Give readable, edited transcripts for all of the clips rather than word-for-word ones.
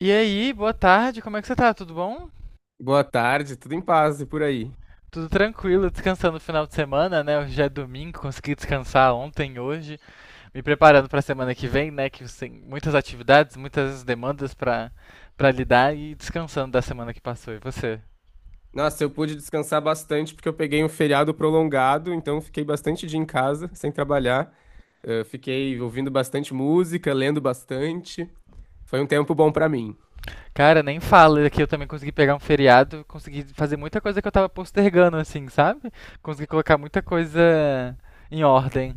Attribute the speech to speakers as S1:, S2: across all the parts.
S1: E aí, boa tarde, como é que você tá? Tudo bom?
S2: Boa tarde, tudo em paz e por aí.
S1: Tudo tranquilo, descansando no final de semana, né? Hoje já é domingo, consegui descansar ontem, hoje, me preparando pra semana que vem, né? Que tem muitas atividades, muitas demandas pra lidar e descansando da semana que passou. E você?
S2: Nossa, eu pude descansar bastante porque eu peguei um feriado prolongado, então fiquei bastante dia em casa, sem trabalhar. Fiquei ouvindo bastante música, lendo bastante. Foi um tempo bom pra mim.
S1: Cara, nem fala é que eu também consegui pegar um feriado, consegui fazer muita coisa que eu tava postergando, assim, sabe? Consegui colocar muita coisa em ordem.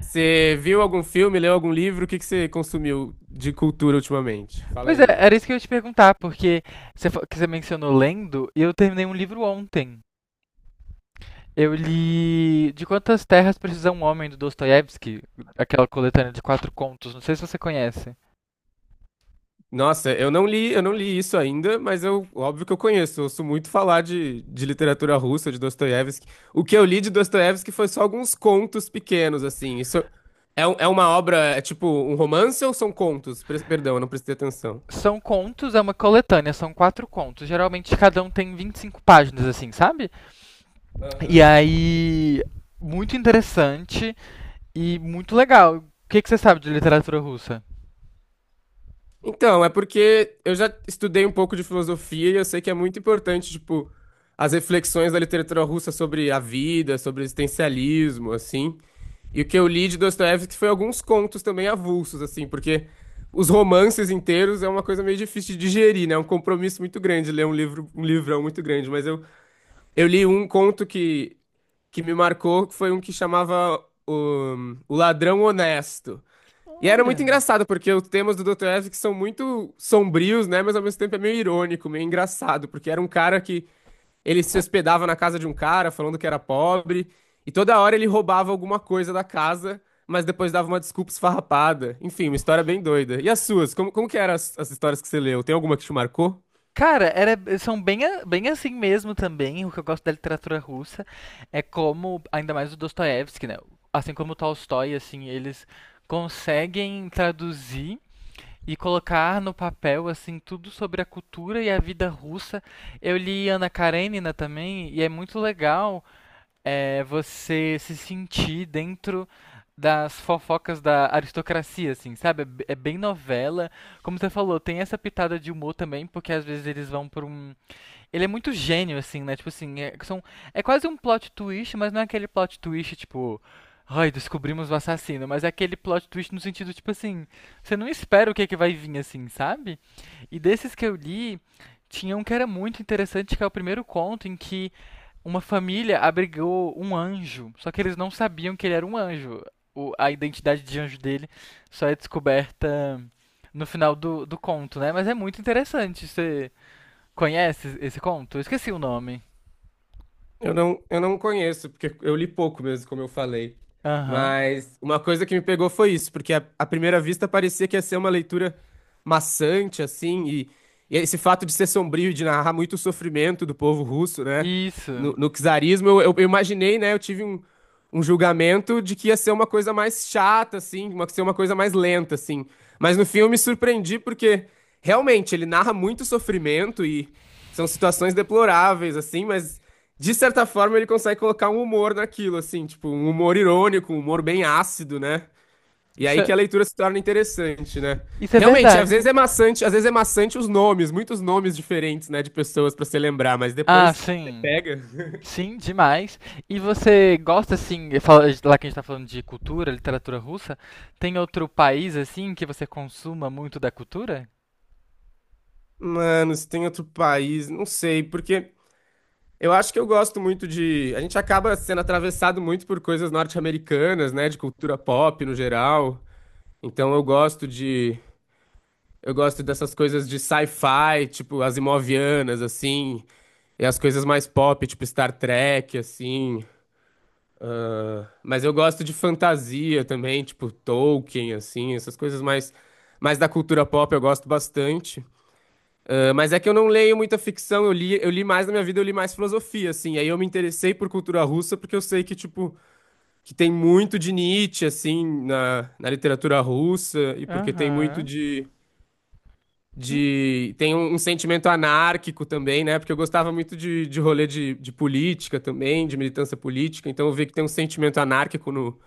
S2: Você viu algum filme, leu algum livro? O que que você consumiu de cultura ultimamente? Fala
S1: Pois é,
S2: aí.
S1: era isso que eu ia te perguntar, porque você, que você mencionou lendo, e eu terminei um livro ontem. Eu li De Quantas Terras Precisa um Homem, do Dostoiévski, aquela coletânea de 4 contos, não sei se você conhece.
S2: Nossa, eu não li isso ainda, mas eu, óbvio que eu conheço. Eu ouço muito falar de literatura russa, de Dostoiévski. O que eu li de Dostoiévski foi só alguns contos pequenos, assim. É uma obra, é tipo um romance ou são contos? Perdão, eu não prestei atenção.
S1: São contos, é uma coletânea, são 4 contos. Geralmente cada um tem 25 páginas, assim, sabe?
S2: Aham.
S1: E aí, muito interessante e muito legal. Que você sabe de literatura russa?
S2: Então, é porque eu já estudei um pouco de filosofia e eu sei que é muito importante, tipo, as reflexões da literatura russa sobre a vida, sobre o existencialismo, assim. E o que eu li de Dostoiévski foi alguns contos também avulsos, assim, porque os romances inteiros é uma coisa meio difícil de digerir, né? É um compromisso muito grande ler um livro, um livrão muito grande. Eu li um conto que me marcou, que foi um que chamava o Ladrão Honesto. E era muito
S1: Olha,
S2: engraçado, porque os temas do Dr. Evans são muito sombrios, né? Mas ao mesmo tempo é meio irônico, meio engraçado, porque era um cara que ele se hospedava na casa de um cara falando que era pobre, e toda hora ele roubava alguma coisa da casa, mas depois dava uma desculpa esfarrapada. Enfim, uma história bem doida. E as suas? Como que eram as histórias que você leu? Tem alguma que te marcou?
S1: cara, são bem, bem assim mesmo também. O que eu gosto da literatura russa é como, ainda mais o Dostoiévski, né? Assim como o Tolstói, assim, eles conseguem traduzir e colocar no papel, assim, tudo sobre a cultura e a vida russa. Eu li Ana Karenina também, e é muito legal é você se sentir dentro das fofocas da aristocracia, assim, sabe? É bem novela. Como você falou, tem essa pitada de humor também, porque às vezes eles vão pra um, ele é muito gênio, assim, né? Tipo assim, é quase um plot twist, mas não é aquele plot twist, tipo. Ai, descobrimos o assassino, mas é aquele plot twist no sentido, tipo assim, você não espera o que é que vai vir, assim, sabe? E desses que eu li, tinha um que era muito interessante, que é o primeiro conto em que uma família abrigou um anjo, só que eles não sabiam que ele era um anjo. A identidade de anjo dele só é descoberta no final do conto, né? Mas é muito interessante você. Conhece esse conto? Eu esqueci o nome.
S2: Eu não conheço, porque eu li pouco mesmo, como eu falei.
S1: Aham.
S2: Mas uma coisa que me pegou foi isso, porque à primeira vista parecia que ia ser uma leitura maçante, assim, e esse fato de ser sombrio e de narrar muito o sofrimento do povo russo, né?
S1: Isso.
S2: No czarismo, eu imaginei, né? Eu tive um julgamento de que ia ser uma coisa mais chata, assim, uma, ser uma coisa mais lenta, assim. Mas no fim eu me surpreendi, porque realmente ele narra muito sofrimento e são situações deploráveis, assim, mas. De certa forma, ele consegue colocar um humor naquilo, assim, tipo, um humor irônico, um humor bem ácido, né? E
S1: Isso
S2: aí que
S1: é,
S2: a leitura se torna interessante, né?
S1: isso é
S2: Realmente, às vezes
S1: verdade.
S2: é maçante, às vezes é maçante os nomes, muitos nomes diferentes, né, de pessoas pra se lembrar, mas
S1: Ah,
S2: depois você
S1: sim.
S2: pega.
S1: Sim, demais. E você gosta, assim, lá que a gente tá falando de cultura, literatura russa, tem outro país, assim, que você consuma muito da cultura?
S2: Mano, se tem outro país, não sei, porque eu acho que eu gosto muito de. A gente acaba sendo atravessado muito por coisas norte-americanas, né? De cultura pop no geral. Então eu gosto de. Eu gosto dessas coisas de sci-fi, tipo as imovianas, assim, e as coisas mais pop, tipo Star Trek, assim. Mas eu gosto de fantasia também, tipo Tolkien, assim, essas coisas mais, mais da cultura pop eu gosto bastante. Ah, mas é que eu não leio muita ficção, eu li mais na minha vida, eu li mais filosofia, assim. Aí eu me interessei por cultura russa porque eu sei que, tipo, que tem muito de Nietzsche, assim, na literatura russa, e porque tem muito
S1: Aham.
S2: de
S1: Que
S2: de tem um sentimento anárquico também, né? Porque eu gostava muito de rolê de política também, de militância política, então eu vi que tem um sentimento anárquico no,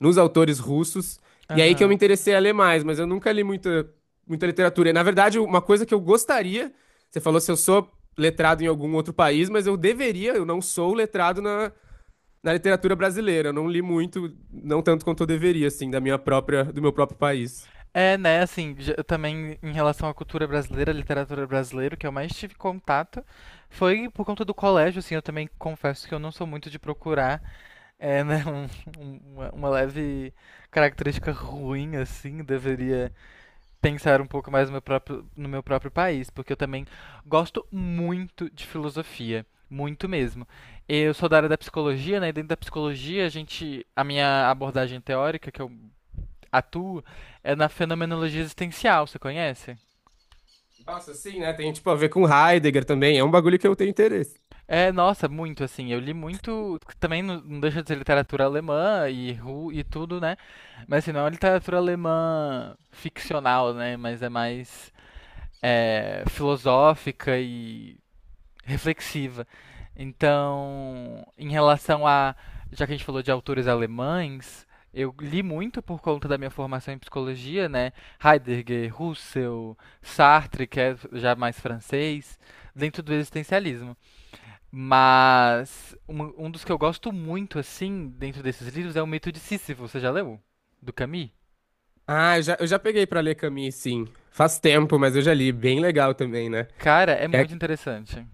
S2: nos autores russos, e aí que eu me
S1: aham.
S2: interessei a ler mais, mas eu nunca li muita literatura. E, na verdade, uma coisa que eu gostaria, você falou se eu sou letrado em algum outro país, mas eu deveria, eu não sou letrado na literatura brasileira, eu não li muito, não tanto quanto eu deveria, assim, da minha própria, do meu próprio país.
S1: É, né, assim, eu também em relação à cultura brasileira, literatura brasileira, o que eu mais tive contato foi por conta do colégio, assim, eu também confesso que eu não sou muito de procurar. É, né? Uma leve característica ruim, assim, deveria pensar um pouco mais no meu próprio, no meu próprio país, porque eu também gosto muito de filosofia. Muito mesmo. Eu sou da área da psicologia, né? E dentro da psicologia, a gente, a minha abordagem teórica que eu atuo é na fenomenologia existencial, você conhece?
S2: Nossa, sim, né? Tem tipo a ver com Heidegger também. É um bagulho que eu tenho interesse.
S1: É, nossa, muito assim. Eu li muito. Também não deixa de ser literatura alemã e, e tudo, né? Mas assim, não é uma literatura alemã ficcional, né? Mas é mais é, filosófica e reflexiva. Então, em relação a. Já que a gente falou de autores alemães, eu li muito por conta da minha formação em psicologia, né? Heidegger, Husserl, Sartre, que é já mais francês, dentro do existencialismo. Mas um dos que eu gosto muito, assim, dentro desses livros é o Mito de Sísifo. Você já leu? Do Camus?
S2: Ah, eu já peguei pra ler Camus, sim. Faz tempo, mas eu já li. Bem legal também, né?
S1: Cara, é
S2: E é
S1: muito
S2: que-
S1: interessante.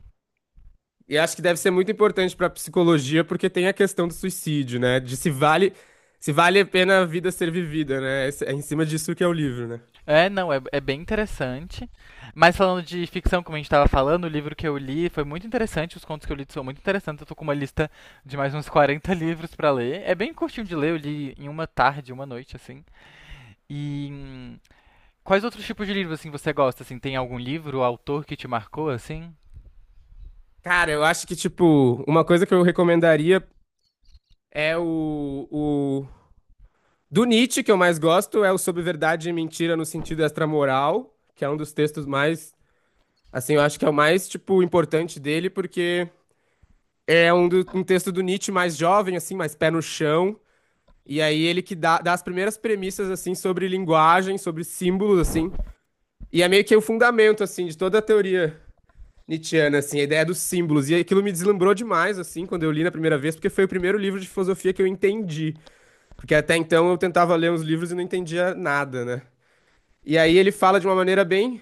S2: e acho que deve ser muito importante pra psicologia, porque tem a questão do suicídio, né? De se vale, se vale a pena a vida ser vivida, né? É em cima disso que é o livro, né?
S1: É, não, é, é bem interessante. Mas falando de ficção, como a gente tava falando, o livro que eu li foi muito interessante. Os contos que eu li são muito interessantes. Eu tô com uma lista de mais uns 40 livros pra ler. É bem curtinho de ler, eu li em uma tarde, uma noite, assim. E quais outros tipos de livros, assim, você gosta? Assim, tem algum livro, autor que te marcou, assim?
S2: Cara, eu acho que, tipo, uma coisa que eu recomendaria é o... Do Nietzsche, que eu mais gosto, é o Sobre Verdade e Mentira no Sentido Extramoral, que é um dos textos mais. Assim, eu acho que é o mais, tipo, importante dele, porque é um texto do Nietzsche mais jovem, assim, mais pé no chão. E aí ele que dá as primeiras premissas, assim, sobre linguagem, sobre símbolos, assim. E é meio que o fundamento, assim, de toda a teoria nietzschiana, assim, a ideia dos símbolos. E aquilo me deslumbrou demais, assim, quando eu li na primeira vez, porque foi o primeiro livro de filosofia que eu entendi. Porque até então eu tentava ler uns livros e não entendia nada, né? E aí ele fala de uma maneira bem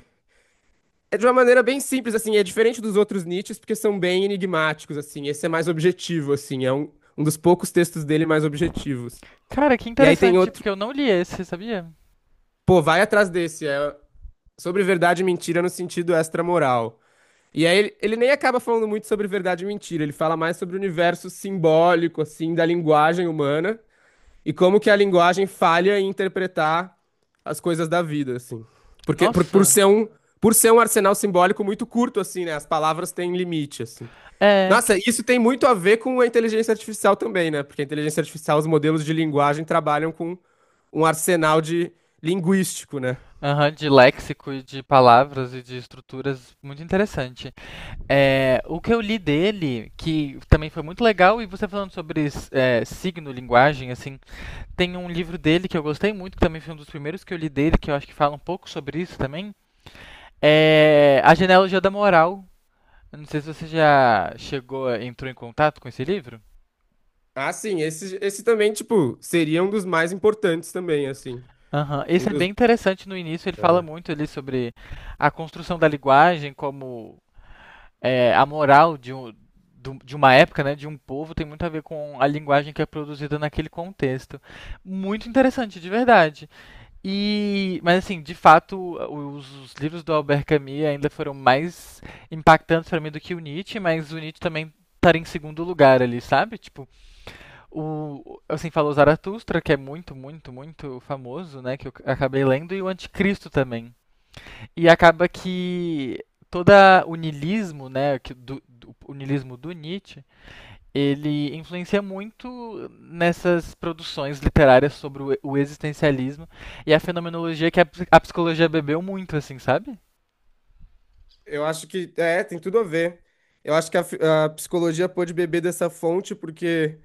S2: É de uma maneira bem simples, assim, é diferente dos outros Nietzsches, porque são bem enigmáticos, assim. Esse é mais objetivo, assim, é um dos poucos textos dele mais objetivos.
S1: Cara, que
S2: E aí tem
S1: interessante,
S2: outro,
S1: porque eu não li esse, sabia?
S2: pô, vai atrás desse, é sobre verdade e mentira no sentido extramoral. E aí ele nem acaba falando muito sobre verdade e mentira, ele fala mais sobre o universo simbólico, assim, da linguagem humana e como que a linguagem falha em interpretar as coisas da vida, assim. Por
S1: Nossa!
S2: ser por ser um arsenal simbólico muito curto, assim, né? As palavras têm limite, assim.
S1: É, que-
S2: Nossa, isso tem muito a ver com a inteligência artificial também, né? Porque a inteligência artificial, os modelos de linguagem trabalham com um arsenal de linguístico, né?
S1: aham, de léxico e de palavras e de estruturas, muito interessante. É, o que eu li dele, que também foi muito legal, e você falando sobre é, signo, linguagem, assim, tem um livro dele que eu gostei muito, que também foi um dos primeiros que eu li dele, que eu acho que fala um pouco sobre isso também, é A Genealogia da Moral. Eu não sei se você já chegou, entrou em contato com esse livro.
S2: Ah, sim, esse também, tipo, seria um dos mais importantes também, assim.
S1: Aham,
S2: Um
S1: esse é
S2: dos...
S1: bem interessante no início, ele fala
S2: É.
S1: muito ali sobre a construção da linguagem como é, a moral de uma época, né, de um povo, tem muito a ver com a linguagem que é produzida naquele contexto. Muito interessante, de verdade. E, mas assim, de fato, os livros do Albert Camus ainda foram mais impactantes para mim do que o Nietzsche, mas o Nietzsche também estaria em segundo lugar ali, sabe? Tipo, o assim falou Zaratustra, que é muito famoso, né, que eu acabei lendo, e o Anticristo também. E acaba que todo o niilismo, né, o niilismo do Nietzsche, ele influencia muito nessas produções literárias sobre o existencialismo e a fenomenologia que a, a psicologia bebeu muito, assim, sabe?
S2: Eu acho que, é, tem tudo a ver. Eu acho que a psicologia pôde beber dessa fonte porque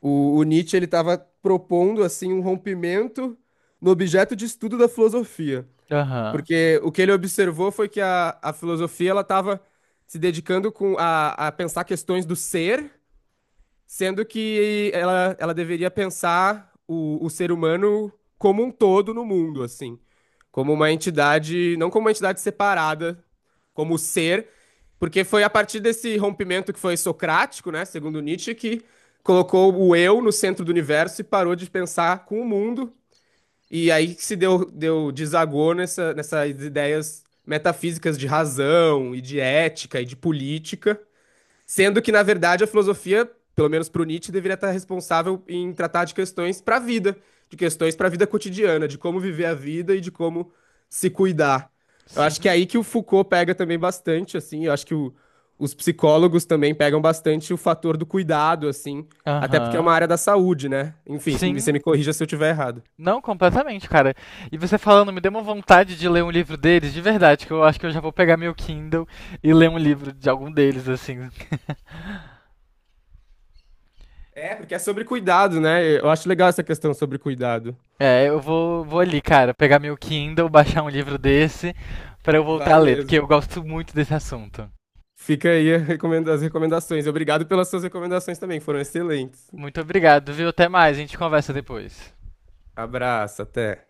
S2: o Nietzsche, ele estava propondo, assim, um rompimento no objeto de estudo da filosofia.
S1: Aham.
S2: Porque o que ele observou foi que a filosofia ela estava se dedicando com a pensar questões do ser, sendo que ela deveria pensar o ser humano como um todo no mundo, assim, como uma entidade, não como uma entidade separada, como ser, porque foi a partir desse rompimento que foi socrático, né, segundo Nietzsche, que colocou o eu no centro do universo e parou de pensar com o mundo e aí que se deu desagou nessas ideias metafísicas de razão e de ética e de política, sendo que, na verdade, a filosofia, pelo menos para o Nietzsche, deveria estar responsável em tratar de questões para a vida, de questões para a vida cotidiana, de como viver a vida e de como se cuidar. Eu acho que é
S1: Sim.
S2: aí que o Foucault pega também bastante, assim, eu acho que o- os psicólogos também pegam bastante o fator do cuidado, assim, até porque é
S1: Aham.
S2: uma área da saúde, né? Enfim, você
S1: Sim.
S2: me corrija se eu estiver errado.
S1: Não, completamente, cara. E você falando, me deu uma vontade de ler um livro deles, de verdade, que eu acho que eu já vou pegar meu Kindle e ler um livro de algum deles, assim.
S2: É, porque é sobre cuidado, né? Eu acho legal essa questão sobre cuidado.
S1: É, eu vou ali, cara, pegar meu Kindle, baixar um livro desse pra eu voltar a
S2: Vai
S1: ler, porque
S2: mesmo.
S1: eu gosto muito desse assunto.
S2: Fica aí as recomendações. Obrigado pelas suas recomendações também, foram excelentes.
S1: Muito obrigado, viu? Até mais, a gente conversa depois.
S2: Abraço, até.